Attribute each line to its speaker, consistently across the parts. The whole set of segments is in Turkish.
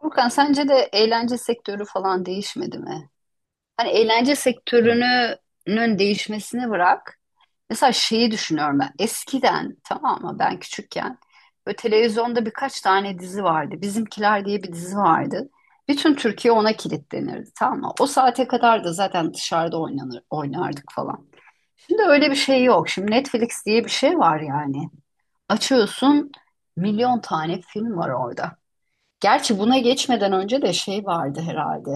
Speaker 1: Furkan sence de eğlence sektörü falan değişmedi mi? Hani eğlence
Speaker 2: Ya,
Speaker 1: sektörünün değişmesini bırak. Mesela şeyi düşünüyorum ben. Eskiden tamam mı ben küçükken böyle televizyonda birkaç tane dizi vardı. Bizimkiler diye bir dizi vardı. Bütün Türkiye ona kilitlenirdi tamam mı? O saate kadar da zaten dışarıda oynanır, oynardık falan. Şimdi öyle bir şey yok. Şimdi Netflix diye bir şey var yani. Açıyorsun milyon tane film var orada. Gerçi buna geçmeden önce de şey vardı herhalde.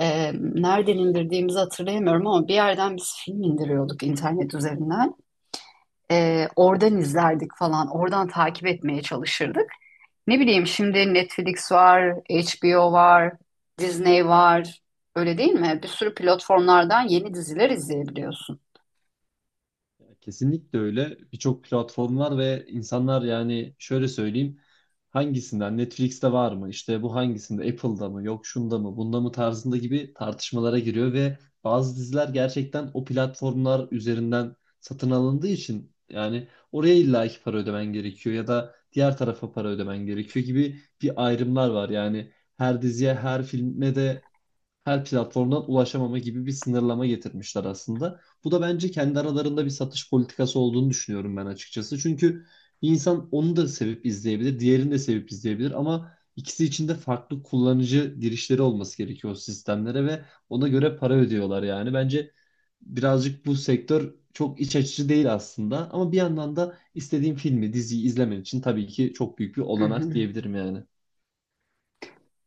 Speaker 1: Nereden indirdiğimizi hatırlayamıyorum ama bir yerden biz film indiriyorduk internet üzerinden. Oradan izlerdik falan. Oradan takip etmeye çalışırdık. Ne bileyim şimdi Netflix var, HBO var, Disney var. Öyle değil mi? Bir sürü platformlardan yeni diziler izleyebiliyorsun.
Speaker 2: kesinlikle öyle. Birçok platform var ve insanlar yani şöyle söyleyeyim. Hangisinden? Netflix'te var mı? İşte bu hangisinde? Apple'da mı? Yok şunda mı? Bunda mı tarzında gibi tartışmalara giriyor ve bazı diziler gerçekten o platformlar üzerinden satın alındığı için yani oraya illaki para ödemen gerekiyor ya da diğer tarafa para ödemen gerekiyor gibi bir ayrımlar var. Yani her diziye, her filme de her platformdan ulaşamama gibi bir sınırlama getirmişler aslında. Bu da bence kendi aralarında bir satış politikası olduğunu düşünüyorum ben açıkçası. Çünkü bir insan onu da sevip izleyebilir, diğerini de sevip izleyebilir ama ikisi için de farklı kullanıcı girişleri olması gerekiyor o sistemlere ve ona göre para ödüyorlar yani. Bence birazcık bu sektör çok iç açıcı değil aslında ama bir yandan da istediğim filmi, diziyi izlemen için tabii ki çok büyük bir
Speaker 1: Hı
Speaker 2: olanak
Speaker 1: hı.
Speaker 2: diyebilirim yani.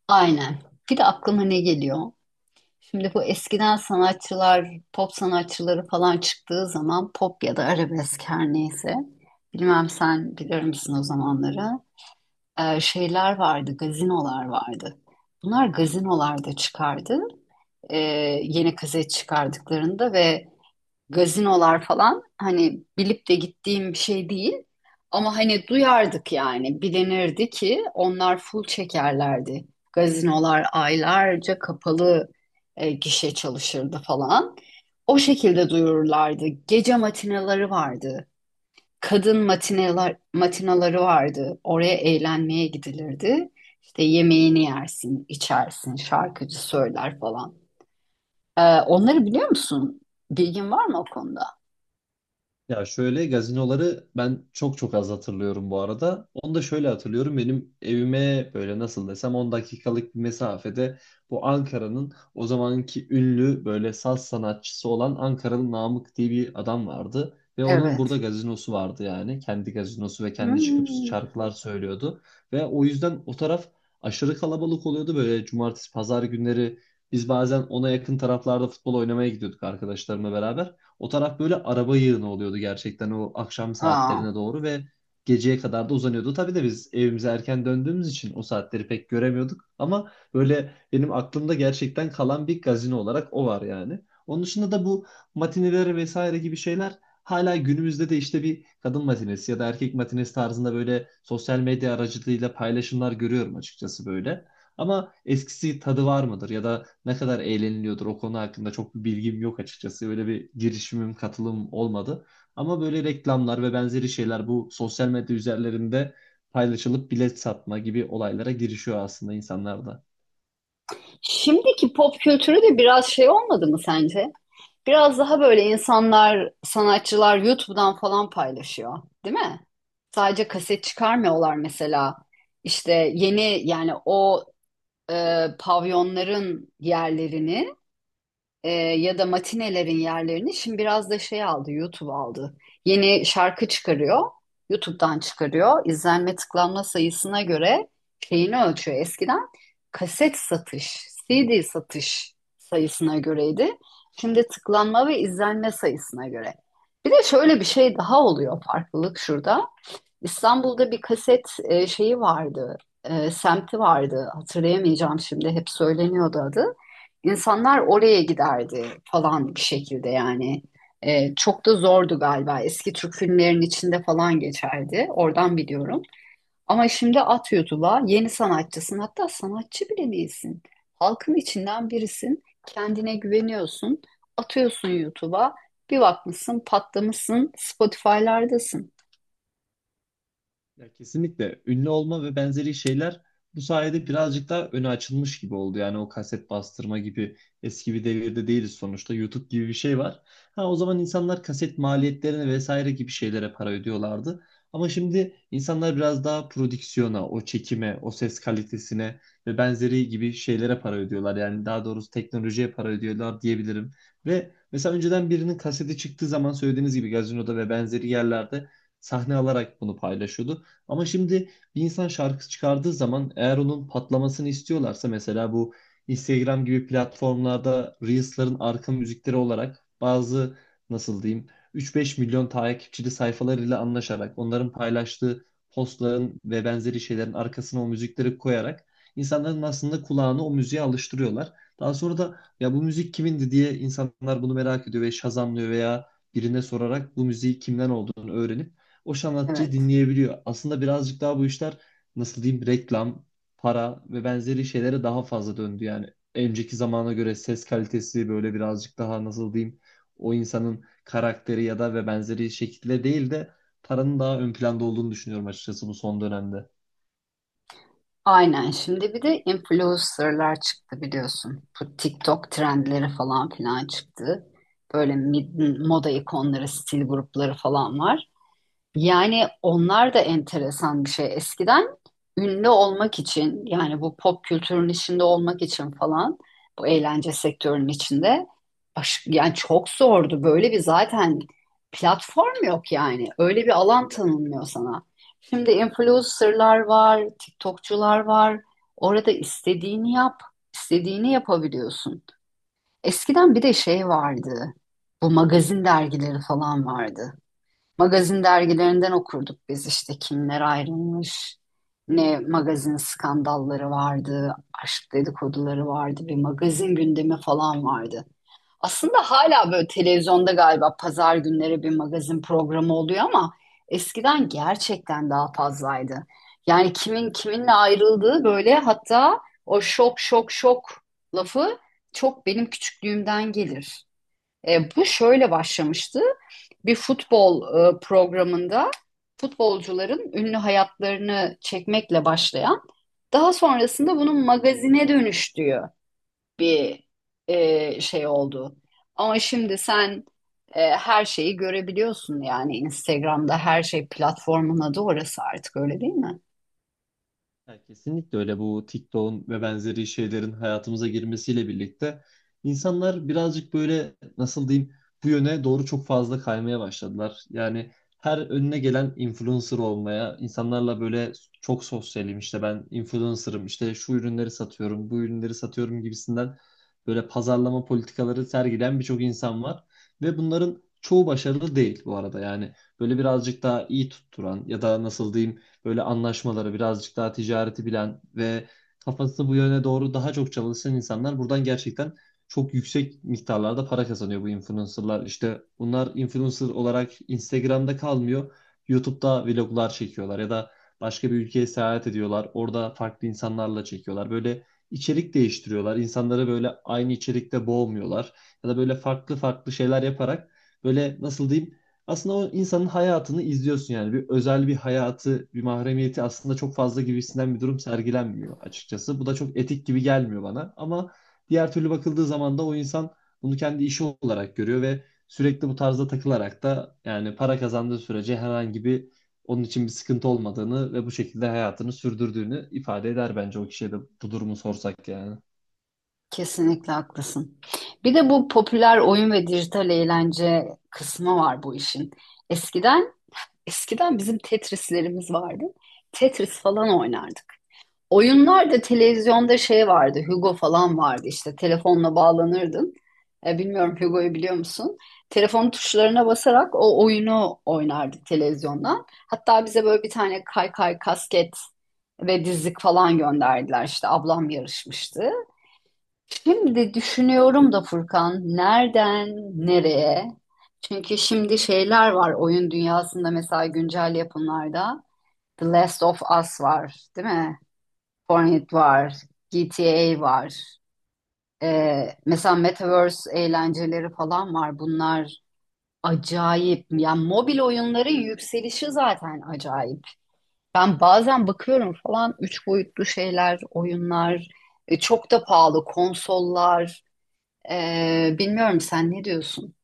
Speaker 1: Aynen. Bir de aklıma ne geliyor? Şimdi bu eskiden sanatçılar, pop sanatçıları falan çıktığı zaman pop ya da arabesk her neyse. Bilmem sen bilir misin o zamanları? Şeyler vardı, gazinolar vardı. Bunlar gazinolarda çıkardı. Ee, Yeni kaset çıkardıklarında ve gazinolar falan hani bilip de gittiğim bir şey değil. Ama hani duyardık yani bilinirdi ki onlar full çekerlerdi. Gazinolar aylarca kapalı gişe çalışırdı falan. O şekilde duyururlardı. Gece matinaları vardı. Kadın matineler, matinaları vardı. Oraya eğlenmeye gidilirdi. İşte yemeğini yersin, içersin, şarkıcı söyler falan. Onları biliyor musun? Bilgin var mı o konuda?
Speaker 2: Ya şöyle gazinoları ben çok çok az hatırlıyorum bu arada. Onu da şöyle hatırlıyorum. Benim evime böyle nasıl desem 10 dakikalık bir mesafede bu Ankara'nın o zamanki ünlü böyle saz sanatçısı olan Ankaralı Namık diye bir adam vardı. Ve onun
Speaker 1: Evet.
Speaker 2: burada gazinosu vardı yani. Kendi gazinosu ve kendi çıkıp
Speaker 1: Hmm.
Speaker 2: şarkılar söylüyordu. Ve o yüzden o taraf aşırı kalabalık oluyordu. Böyle cumartesi pazar günleri biz bazen ona yakın taraflarda futbol oynamaya gidiyorduk arkadaşlarımla beraber. O taraf böyle araba yığını oluyordu gerçekten o akşam
Speaker 1: Aa.
Speaker 2: saatlerine doğru ve geceye kadar da uzanıyordu. Tabii de biz evimize erken döndüğümüz için o saatleri pek göremiyorduk ama böyle benim aklımda gerçekten kalan bir gazino olarak o var yani. Onun dışında da bu matineleri vesaire gibi şeyler hala günümüzde de işte bir kadın matinesi ya da erkek matinesi tarzında böyle sosyal medya aracılığıyla paylaşımlar görüyorum açıkçası böyle. Ama eskisi tadı var mıdır ya da ne kadar eğleniliyordur o konu hakkında çok bir bilgim yok açıkçası. Öyle bir girişimim, katılım olmadı. Ama böyle reklamlar ve benzeri şeyler bu sosyal medya üzerlerinde paylaşılıp bilet satma gibi olaylara girişiyor aslında insanlar da.
Speaker 1: Şimdiki pop kültürü de biraz şey olmadı mı sence? Biraz daha böyle insanlar, sanatçılar YouTube'dan falan paylaşıyor, değil mi? Sadece kaset çıkarmıyorlar mesela. İşte yeni yani o pavyonların yerlerini ya da matinelerin yerlerini şimdi biraz da şey aldı, YouTube aldı. Yeni şarkı çıkarıyor, YouTube'dan çıkarıyor. İzlenme tıklanma sayısına göre şeyini ölçüyor. Eskiden kaset satış, CD satış sayısına göreydi. Şimdi tıklanma ve izlenme sayısına göre. Bir de şöyle bir şey daha oluyor farklılık şurada. İstanbul'da bir kaset şeyi vardı, semti vardı. Hatırlayamayacağım şimdi, hep söyleniyordu adı. İnsanlar oraya giderdi falan bir şekilde yani. Çok da zordu galiba. Eski Türk filmlerinin içinde falan geçerdi. Oradan biliyorum. Ama şimdi at YouTube'a yeni sanatçısın. Hatta sanatçı bile değilsin. Halkın içinden birisin. Kendine güveniyorsun. Atıyorsun YouTube'a. Bir bakmışsın patlamışsın. Spotify'lardasın.
Speaker 2: Ya kesinlikle ünlü olma ve benzeri şeyler bu sayede birazcık daha öne açılmış gibi oldu. Yani o kaset bastırma gibi eski bir devirde değiliz sonuçta. YouTube gibi bir şey var. Ha o zaman insanlar kaset maliyetlerine vesaire gibi şeylere para ödüyorlardı. Ama şimdi insanlar biraz daha prodüksiyona, o çekime, o ses kalitesine ve benzeri gibi şeylere para ödüyorlar. Yani daha doğrusu teknolojiye para ödüyorlar diyebilirim. Ve mesela önceden birinin kaseti çıktığı zaman söylediğiniz gibi gazinoda ve benzeri yerlerde sahne alarak bunu paylaşıyordu. Ama şimdi bir insan şarkı çıkardığı zaman eğer onun patlamasını istiyorlarsa mesela bu Instagram gibi platformlarda Reels'ların arka müzikleri olarak bazı nasıl diyeyim 3-5 milyon takipçili sayfalarıyla anlaşarak onların paylaştığı postların ve benzeri şeylerin arkasına o müzikleri koyarak insanların aslında kulağını o müziğe alıştırıyorlar. Daha sonra da ya bu müzik kimindi diye insanlar bunu merak ediyor ve şazamlıyor veya birine sorarak bu müziği kimden olduğunu öğrenip o sanatçıyı
Speaker 1: Evet.
Speaker 2: dinleyebiliyor. Aslında birazcık daha bu işler nasıl diyeyim reklam, para ve benzeri şeylere daha fazla döndü. Yani önceki zamana göre ses kalitesi böyle birazcık daha nasıl diyeyim o insanın karakteri ya da ve benzeri şekilde değil de paranın daha ön planda olduğunu düşünüyorum açıkçası bu son dönemde.
Speaker 1: Aynen. Şimdi bir de influencerlar çıktı biliyorsun. Bu TikTok trendleri falan filan çıktı. Böyle moda ikonları, stil grupları falan var. Yani onlar da enteresan bir şey. Eskiden ünlü olmak için yani bu pop kültürün içinde olmak için falan bu eğlence sektörünün içinde yani çok zordu. Böyle bir zaten platform yok yani. Öyle bir alan tanınmıyor sana. Şimdi influencerlar var, TikTokçular var. Orada istediğini yap, istediğini yapabiliyorsun. Eskiden bir de şey vardı. Bu magazin dergileri falan vardı. Magazin dergilerinden okurduk biz işte kimler ayrılmış, ne magazin skandalları vardı, aşk dedikoduları vardı, bir magazin gündemi falan vardı. Aslında hala böyle televizyonda galiba pazar günleri bir magazin programı oluyor ama eskiden gerçekten daha fazlaydı. Yani kimin kiminle ayrıldığı böyle hatta o şok şok şok lafı çok benim küçüklüğümden gelir. Bu şöyle başlamıştı bir futbol programında futbolcuların ünlü hayatlarını çekmekle başlayan, daha sonrasında bunun magazine dönüştüğü bir şey oldu. Ama şimdi sen her şeyi görebiliyorsun yani Instagram'da her şey platformun adı orası artık öyle değil mi?
Speaker 2: Ya kesinlikle öyle, bu TikTok'un ve benzeri şeylerin hayatımıza girmesiyle birlikte insanlar birazcık böyle nasıl diyeyim bu yöne doğru çok fazla kaymaya başladılar. Yani her önüne gelen influencer olmaya, insanlarla böyle çok sosyalim işte ben influencer'ım işte şu ürünleri satıyorum, bu ürünleri satıyorum gibisinden böyle pazarlama politikaları sergileyen birçok insan var ve bunların çoğu başarılı değil bu arada. Yani böyle birazcık daha iyi tutturan ya da nasıl diyeyim böyle anlaşmaları birazcık daha ticareti bilen ve kafası bu yöne doğru daha çok çalışan insanlar buradan gerçekten çok yüksek miktarlarda para kazanıyor bu influencerlar. İşte bunlar influencer olarak Instagram'da kalmıyor. YouTube'da vloglar çekiyorlar ya da başka bir ülkeye seyahat ediyorlar. Orada farklı insanlarla çekiyorlar. Böyle içerik değiştiriyorlar. İnsanları böyle aynı içerikte boğmuyorlar. Ya da böyle farklı farklı şeyler yaparak böyle nasıl diyeyim aslında o insanın hayatını izliyorsun yani. Bir özel bir hayatı, bir mahremiyeti aslında çok fazla gibisinden bir durum sergilenmiyor açıkçası. Bu da çok etik gibi gelmiyor bana. Ama diğer türlü bakıldığı zaman da o insan bunu kendi işi olarak görüyor ve sürekli bu tarzda takılarak da yani para kazandığı sürece herhangi bir onun için bir sıkıntı olmadığını ve bu şekilde hayatını sürdürdüğünü ifade eder bence o kişiye de bu durumu sorsak yani.
Speaker 1: Kesinlikle haklısın. Bir de bu popüler oyun ve dijital eğlence kısmı var bu işin. Eskiden Eskiden bizim Tetris'lerimiz vardı. Tetris falan oynardık. Oyunlarda televizyonda şey vardı, Hugo falan vardı işte telefonla bağlanırdın. Bilmiyorum Hugo'yu biliyor musun? Telefon tuşlarına basarak o oyunu oynardık televizyondan. Hatta bize böyle bir tane kaykay, kasket ve dizlik falan gönderdiler. İşte ablam yarışmıştı. Şimdi düşünüyorum da Furkan, nereye? Çünkü şimdi şeyler var oyun dünyasında mesela güncel yapımlarda. The Last of Us var, değil mi? Fortnite var, GTA var. Mesela Metaverse eğlenceleri falan var. Bunlar acayip. Yani mobil oyunların yükselişi zaten acayip. Ben bazen bakıyorum falan üç boyutlu şeyler, oyunlar, çok da pahalı konsollar. Bilmiyorum sen ne diyorsun?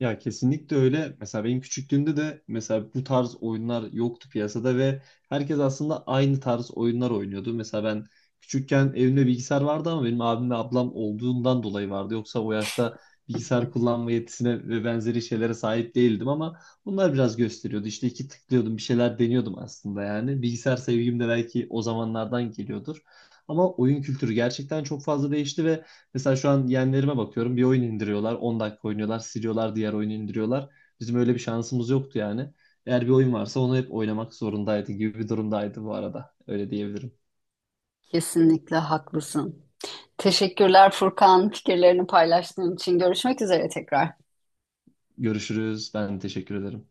Speaker 2: Ya kesinlikle öyle. Mesela benim küçüklüğümde de mesela bu tarz oyunlar yoktu piyasada ve herkes aslında aynı tarz oyunlar oynuyordu. Mesela ben küçükken evimde bilgisayar vardı ama benim abim ve ablam olduğundan dolayı vardı. Yoksa o yaşta bilgisayar kullanma yetisine ve benzeri şeylere sahip değildim ama bunlar biraz gösteriyordu. İşte iki tıklıyordum, bir şeyler deniyordum aslında yani. Bilgisayar sevgim de belki o zamanlardan geliyordur. Ama oyun kültürü gerçekten çok fazla değişti ve mesela şu an yeğenlerime bakıyorum. Bir oyun indiriyorlar. 10 dakika oynuyorlar. Siliyorlar. Diğer oyunu indiriyorlar. Bizim öyle bir şansımız yoktu yani. Eğer bir oyun varsa onu hep oynamak zorundaydı gibi bir durumdaydı bu arada. Öyle diyebilirim.
Speaker 1: Kesinlikle haklısın. Teşekkürler Furkan, fikirlerini paylaştığın için. Görüşmek üzere tekrar.
Speaker 2: Görüşürüz. Ben teşekkür ederim.